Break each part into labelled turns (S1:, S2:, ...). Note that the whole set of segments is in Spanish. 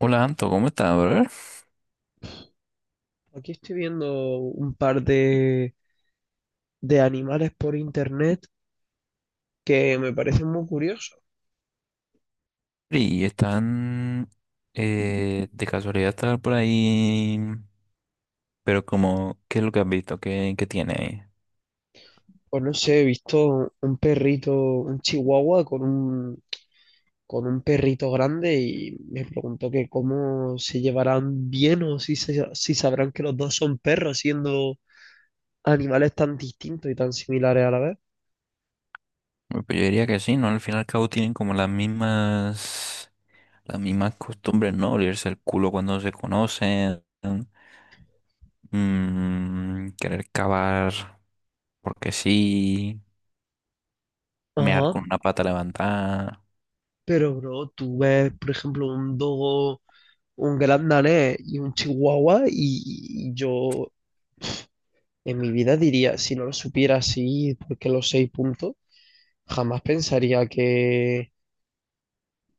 S1: Hola Anto, ¿cómo estás, brother?
S2: Aquí estoy viendo un par de animales por internet que me parecen muy curiosos.
S1: Y están de casualidad estar por ahí, pero como, ¿qué es lo que has visto? ¿Qué tiene ahí?
S2: Pues no sé, he visto un perrito, un chihuahua con un perrito grande y me preguntó que cómo se llevarán bien o si sabrán que los dos son perros siendo animales tan distintos y tan similares a la vez.
S1: Bueno, pues yo diría que sí, ¿no? Al fin y al cabo tienen como las mismas costumbres, ¿no? Olirse el culo cuando se conocen, querer cavar porque sí, mear con
S2: Ajá,
S1: una pata levantada,
S2: pero bro, tú ves, por ejemplo, un dogo, un gran danés y un chihuahua, y yo en mi vida diría, si no lo supiera así, porque los seis puntos, jamás pensaría que,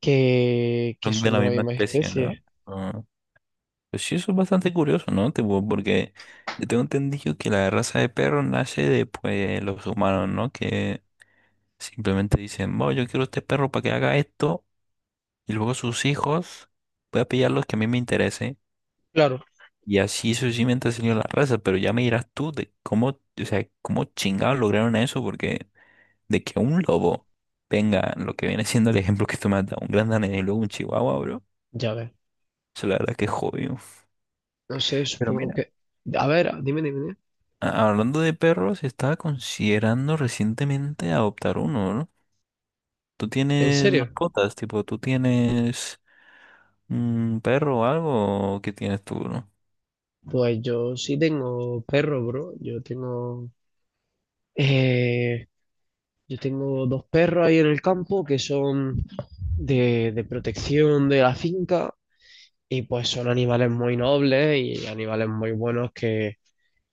S2: que
S1: son de
S2: son
S1: la
S2: de la
S1: misma
S2: misma
S1: especie, ¿no?
S2: especie.
S1: Ah. Pues sí, eso es bastante curioso, ¿no? Tipo, porque yo tengo entendido que la raza de perro nace de pues, los humanos, ¿no? Que simplemente dicen, bueno, yo quiero este perro para que haga esto, y luego sus hijos, voy a pillar los que a mí me interese,
S2: Claro,
S1: y así sucesivamente ha salido la raza, pero ya me dirás tú de cómo, o sea, cómo chingados lograron eso, porque de que un lobo venga, lo que viene siendo el ejemplo que tú me has dado, un gran danés y luego un chihuahua, bro,
S2: ya ves.
S1: eso la verdad que es jodido.
S2: No sé,
S1: Pero
S2: supongo
S1: mira.
S2: que. A ver, dime, dime, dime.
S1: Hablando de perros, estaba considerando recientemente adoptar uno, ¿no? ¿Tú
S2: ¿En
S1: tienes
S2: serio?
S1: mascotas? Tipo, ¿tú tienes un perro o algo? ¿O qué tienes tú, no?
S2: Pues yo sí tengo perro, bro. Eh, yo tengo dos perros ahí en el campo que son de protección de la finca. Y pues son animales muy nobles y animales muy buenos que,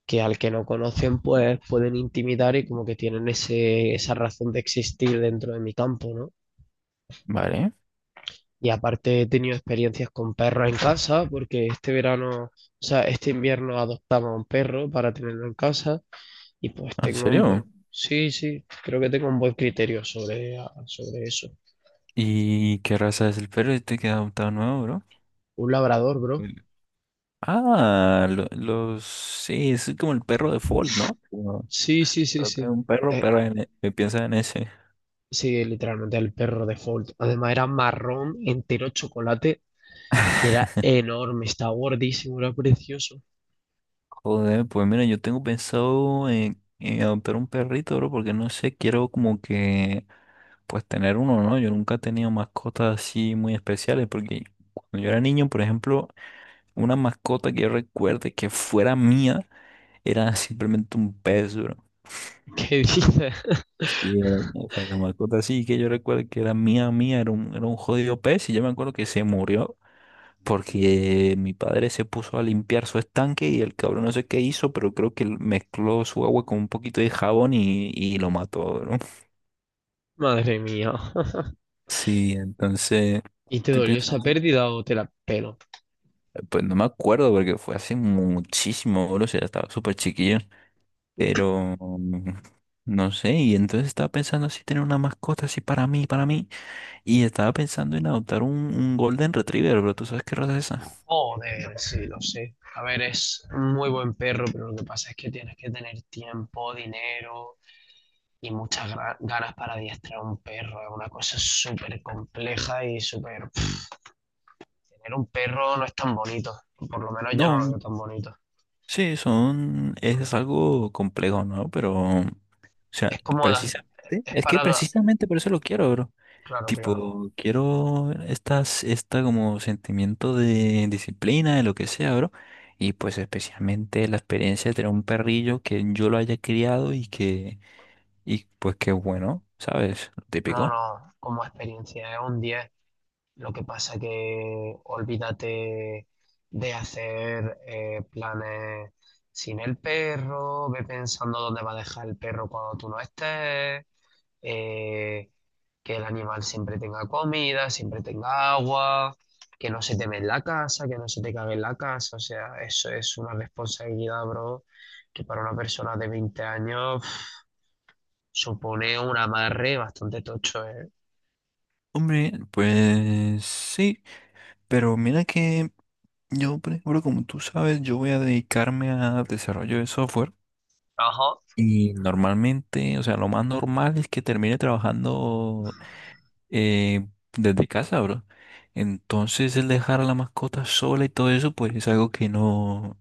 S2: que al que no conocen pues pueden intimidar y como que tienen esa razón de existir dentro de mi campo, ¿no?
S1: Vale,
S2: Y aparte he tenido experiencias con perros en casa porque este verano, o sea, este invierno adoptaba un perro para tenerlo en casa y pues
S1: ¿en
S2: tengo un buen,
S1: serio?
S2: sí, sí, creo que tengo un buen criterio sobre eso.
S1: ¿Y qué raza es el perro este que has adoptado nuevo, bro?
S2: Un labrador, bro.
S1: El- Ah, los... Sí, es como el perro de Fold, ¿no? Como
S2: Sí, sí, sí,
S1: creo que es
S2: sí.
S1: un perro,
S2: Eh,
S1: pero me piensa en ese.
S2: Sí, literalmente el perro de default. Además era marrón, entero chocolate y era enorme, estaba gordísimo, era precioso.
S1: Joder, pues mira, yo tengo pensado en adoptar un perrito, bro, porque no sé, quiero como que pues tener uno, ¿no? Yo nunca he tenido mascotas así muy especiales porque cuando yo era niño, por ejemplo, una mascota que yo recuerde que fuera mía era simplemente un pez, bro.
S2: ¿Qué dices?
S1: Sí, o sea, la mascota así que yo recuerdo que era mía, era era un jodido pez y yo me acuerdo que se murió porque mi padre se puso a limpiar su estanque y el cabrón no sé qué hizo, pero creo que mezcló su agua con un poquito de jabón y lo mató, bro.
S2: Madre mía.
S1: Sí, entonces
S2: ¿Y te
S1: estoy
S2: dolió esa
S1: pensando.
S2: pérdida o te la pelo?
S1: Pues no me acuerdo porque fue hace muchísimo, bro, o sea, estaba súper chiquillo. Pero no sé, y entonces estaba pensando así tener una mascota así para mí, para mí. Y estaba pensando en adoptar un Golden Retriever, pero ¿tú sabes qué raza es esa?
S2: Joder, sí, lo sé. A ver, es un muy buen perro, pero lo que pasa es que tienes que tener tiempo, dinero y muchas ganas para adiestrar un perro. Es una cosa súper compleja y súper. Tener un perro no es tan bonito. Por lo menos yo no lo veo
S1: No,
S2: tan bonito.
S1: sí, son, es algo complejo, ¿no? Pero, o sea,
S2: Es cómoda,
S1: precisamente,
S2: es
S1: es que
S2: para.
S1: precisamente por eso lo quiero, bro.
S2: Claro, claro.
S1: Tipo, quiero estas, esta como sentimiento de disciplina, de lo que sea, bro. Y pues especialmente la experiencia de tener un perrillo que yo lo haya criado y que, y pues que bueno, ¿sabes? Lo
S2: No,
S1: típico.
S2: no, como experiencia es un 10. Lo que pasa que olvídate de hacer planes sin el perro, ve pensando dónde va a dejar el perro cuando tú no estés, eh, que el animal siempre tenga comida, siempre tenga agua, que no se te ve en la casa, que no se te cague en la casa. O sea, eso es una responsabilidad, bro, que para una persona de 20 años supone un amarre bastante tocho, ¿eh?
S1: Hombre, pues sí, pero mira que yo, por ejemplo, como tú sabes, yo voy a dedicarme a desarrollo de software.
S2: Ajá.
S1: Y normalmente, o sea, lo más normal es que termine trabajando eh, desde casa, bro. Entonces el dejar a la mascota sola y todo eso, pues es algo que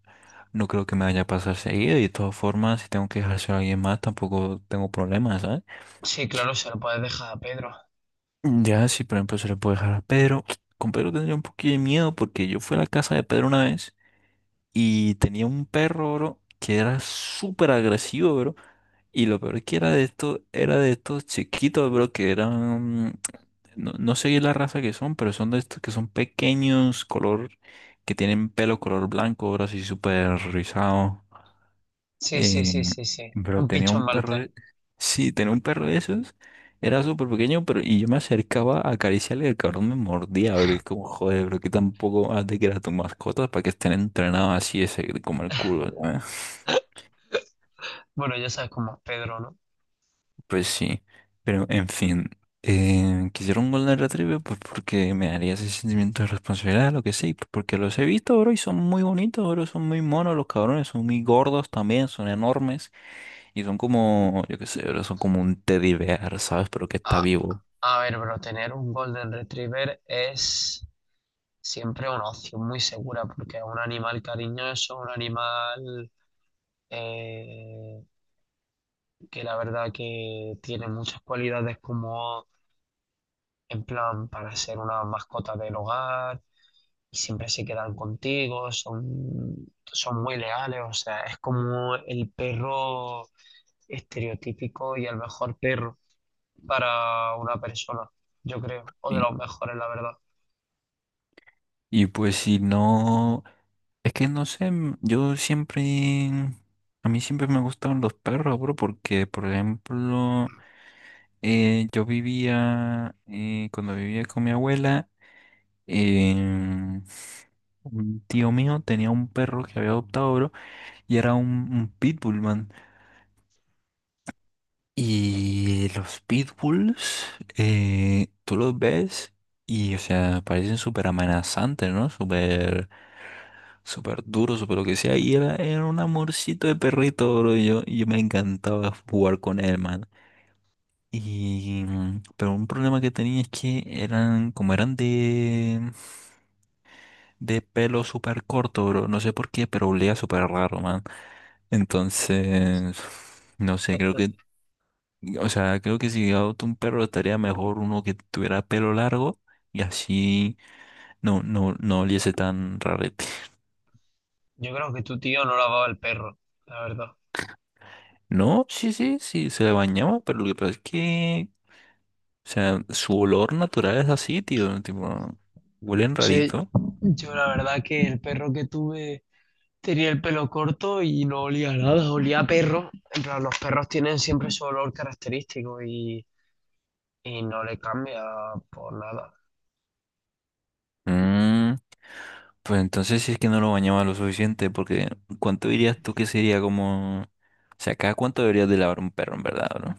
S1: no creo que me vaya a pasar seguido. Y de todas formas, si tengo que dejárselo a alguien más, tampoco tengo problemas, ¿sabes?
S2: Sí, claro, se lo puedes dejar a Pedro.
S1: Ya, si por ejemplo se le puede dejar a Pedro, con Pedro tendría un poquito de miedo porque yo fui a la casa de Pedro una vez y tenía un perro, bro, que era súper agresivo, bro. Y lo peor que era de esto, era de estos chiquitos, bro, que eran, no sé bien la raza que son, pero son de estos que son pequeños, color, que tienen pelo color blanco, bro, así súper rizado.
S2: Sí, sí,
S1: Eh,
S2: sí, sí, sí.
S1: pero
S2: Un
S1: tenía
S2: pichón
S1: un perro,
S2: maltés.
S1: sí, tenía un perro de esos, era súper pequeño, pero y yo me acercaba a acariciarle y el cabrón me mordía, bro, y es como, joder, bro, que tampoco has de que era tu mascota para que estén entrenados así, ese, como el culo.
S2: Bueno, ya sabes cómo es Pedro, ¿no?
S1: Pues sí, pero en fin, quisiera un Golden Retriever pues porque me daría ese sentimiento de responsabilidad, lo que sí, pues, porque los he visto, bro, y son muy bonitos, bro, son muy monos los cabrones, son muy gordos también, son enormes y son como, yo qué sé, bro, son como un teddy bear, ¿sabes? Pero que está
S2: A,
S1: vivo.
S2: a ver, pero tener un Golden Retriever es siempre una opción muy segura porque es un animal cariñoso, un animal eh, que la verdad que tiene muchas cualidades como en plan para ser una mascota del hogar y siempre se quedan contigo, son, son, muy leales, o sea, es como el perro estereotípico y el mejor perro para una persona, yo creo, o de
S1: Y,
S2: los mejores, la verdad.
S1: y pues si no, es que no sé, yo siempre, a mí siempre me gustaron los perros, bro, porque, por ejemplo, yo vivía, cuando vivía con mi abuela, Eh, un tío mío tenía un perro que había adoptado, bro, y era un, un pitbull, man. Y los pitbulls, tú los ves y, o sea, parecen súper amenazantes, ¿no? Súper duros, súper lo que sea. Y era un amorcito de perrito, bro. Y yo me encantaba jugar con él, man. Y, pero un problema que tenía es que eran, como eran de pelo súper corto, bro. No sé por qué, pero olía súper raro, man. Entonces, no sé, creo que, o sea, creo que si adopto un perro estaría mejor uno que tuviera pelo largo y así no oliese tan rarete.
S2: Yo creo que tu tío no lavaba el perro, la verdad.
S1: No, sí, sí, sí, se bañaba, pero lo que pasa es que, o sea, su olor natural es así, tío, tipo, huelen
S2: Sí,
S1: rarito.
S2: yo la verdad que el perro que tuve tenía el pelo corto y no olía a nada, olía a perro. En plan, los perros tienen siempre su olor característico y no le cambia por nada.
S1: Mm, pues entonces sí es que no lo bañaba lo suficiente, porque ¿cuánto dirías tú que sería como... O sea, ¿cada cuánto deberías de lavar un perro, en verdad, bro?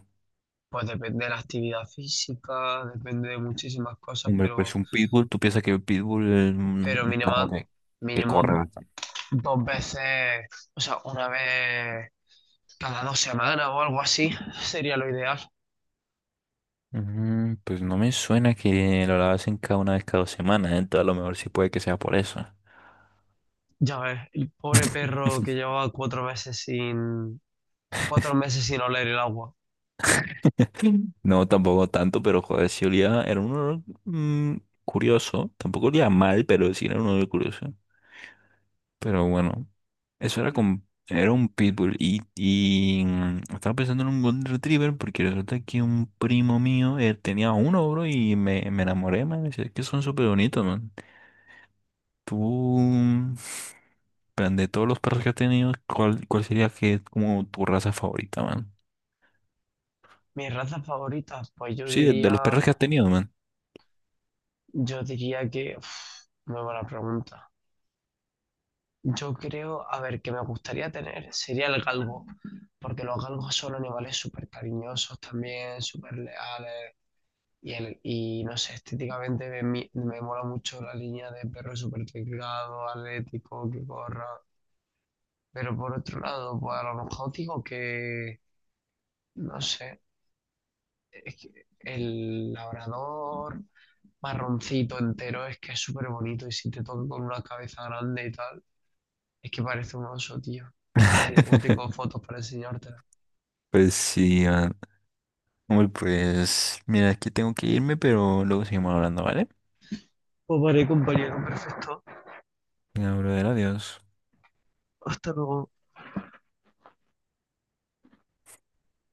S2: Pues depende de la actividad física, depende de muchísimas cosas,
S1: Hombre, pues
S2: pero,
S1: un pitbull, ¿tú piensas que el pitbull es
S2: pero
S1: un
S2: mínimo,
S1: perro que corre
S2: mínimo
S1: bastante?
S2: dos veces, o sea, una vez cada 2 semanas o algo así, sería lo ideal.
S1: Mm, pues no me suena que lo lavasen cada una vez cada dos semanas, ¿eh? Entonces a lo mejor sí puede que sea por eso.
S2: Ya ves, el pobre perro que llevaba 4 meses sin, 4 meses sin oler el agua.
S1: Mm. No, tampoco tanto, pero joder, sí olía, era un olor curioso. Tampoco olía mal, pero sí era un olor curioso. Pero bueno, eso era con, era un pitbull y estaba pensando en un golden retriever porque resulta que un primo mío tenía uno, bro, me enamoré, man. Es que son súper bonitos, man. Tú, plan, de todos los perros que has tenido, ¿cuál sería que es como tu raza favorita, man?
S2: Mis razas favoritas, pues yo
S1: Sí, de los
S2: diría,
S1: perros que has tenido, man.
S2: yo diría que, uf, muy buena pregunta. Yo creo, a ver, que me gustaría tener sería el galgo, porque los galgos son animales súper cariñosos también, súper leales, y no sé, estéticamente me mola mucho la línea de perro súper delgado, atlético, que corra, pero por otro lado, pues a lo mejor digo que, no sé, es que el labrador marroncito entero es que es súper bonito y si te toca con una cabeza grande y tal. Es que parece un oso, tío. A ver si luego tengo fotos para enseñártela.
S1: Pues sí, man. Hombre, pues mira, aquí tengo que irme, pero luego seguimos hablando, ¿vale?
S2: Pues vale, compañero, perfecto.
S1: Venga, brother, adiós.
S2: Hasta luego.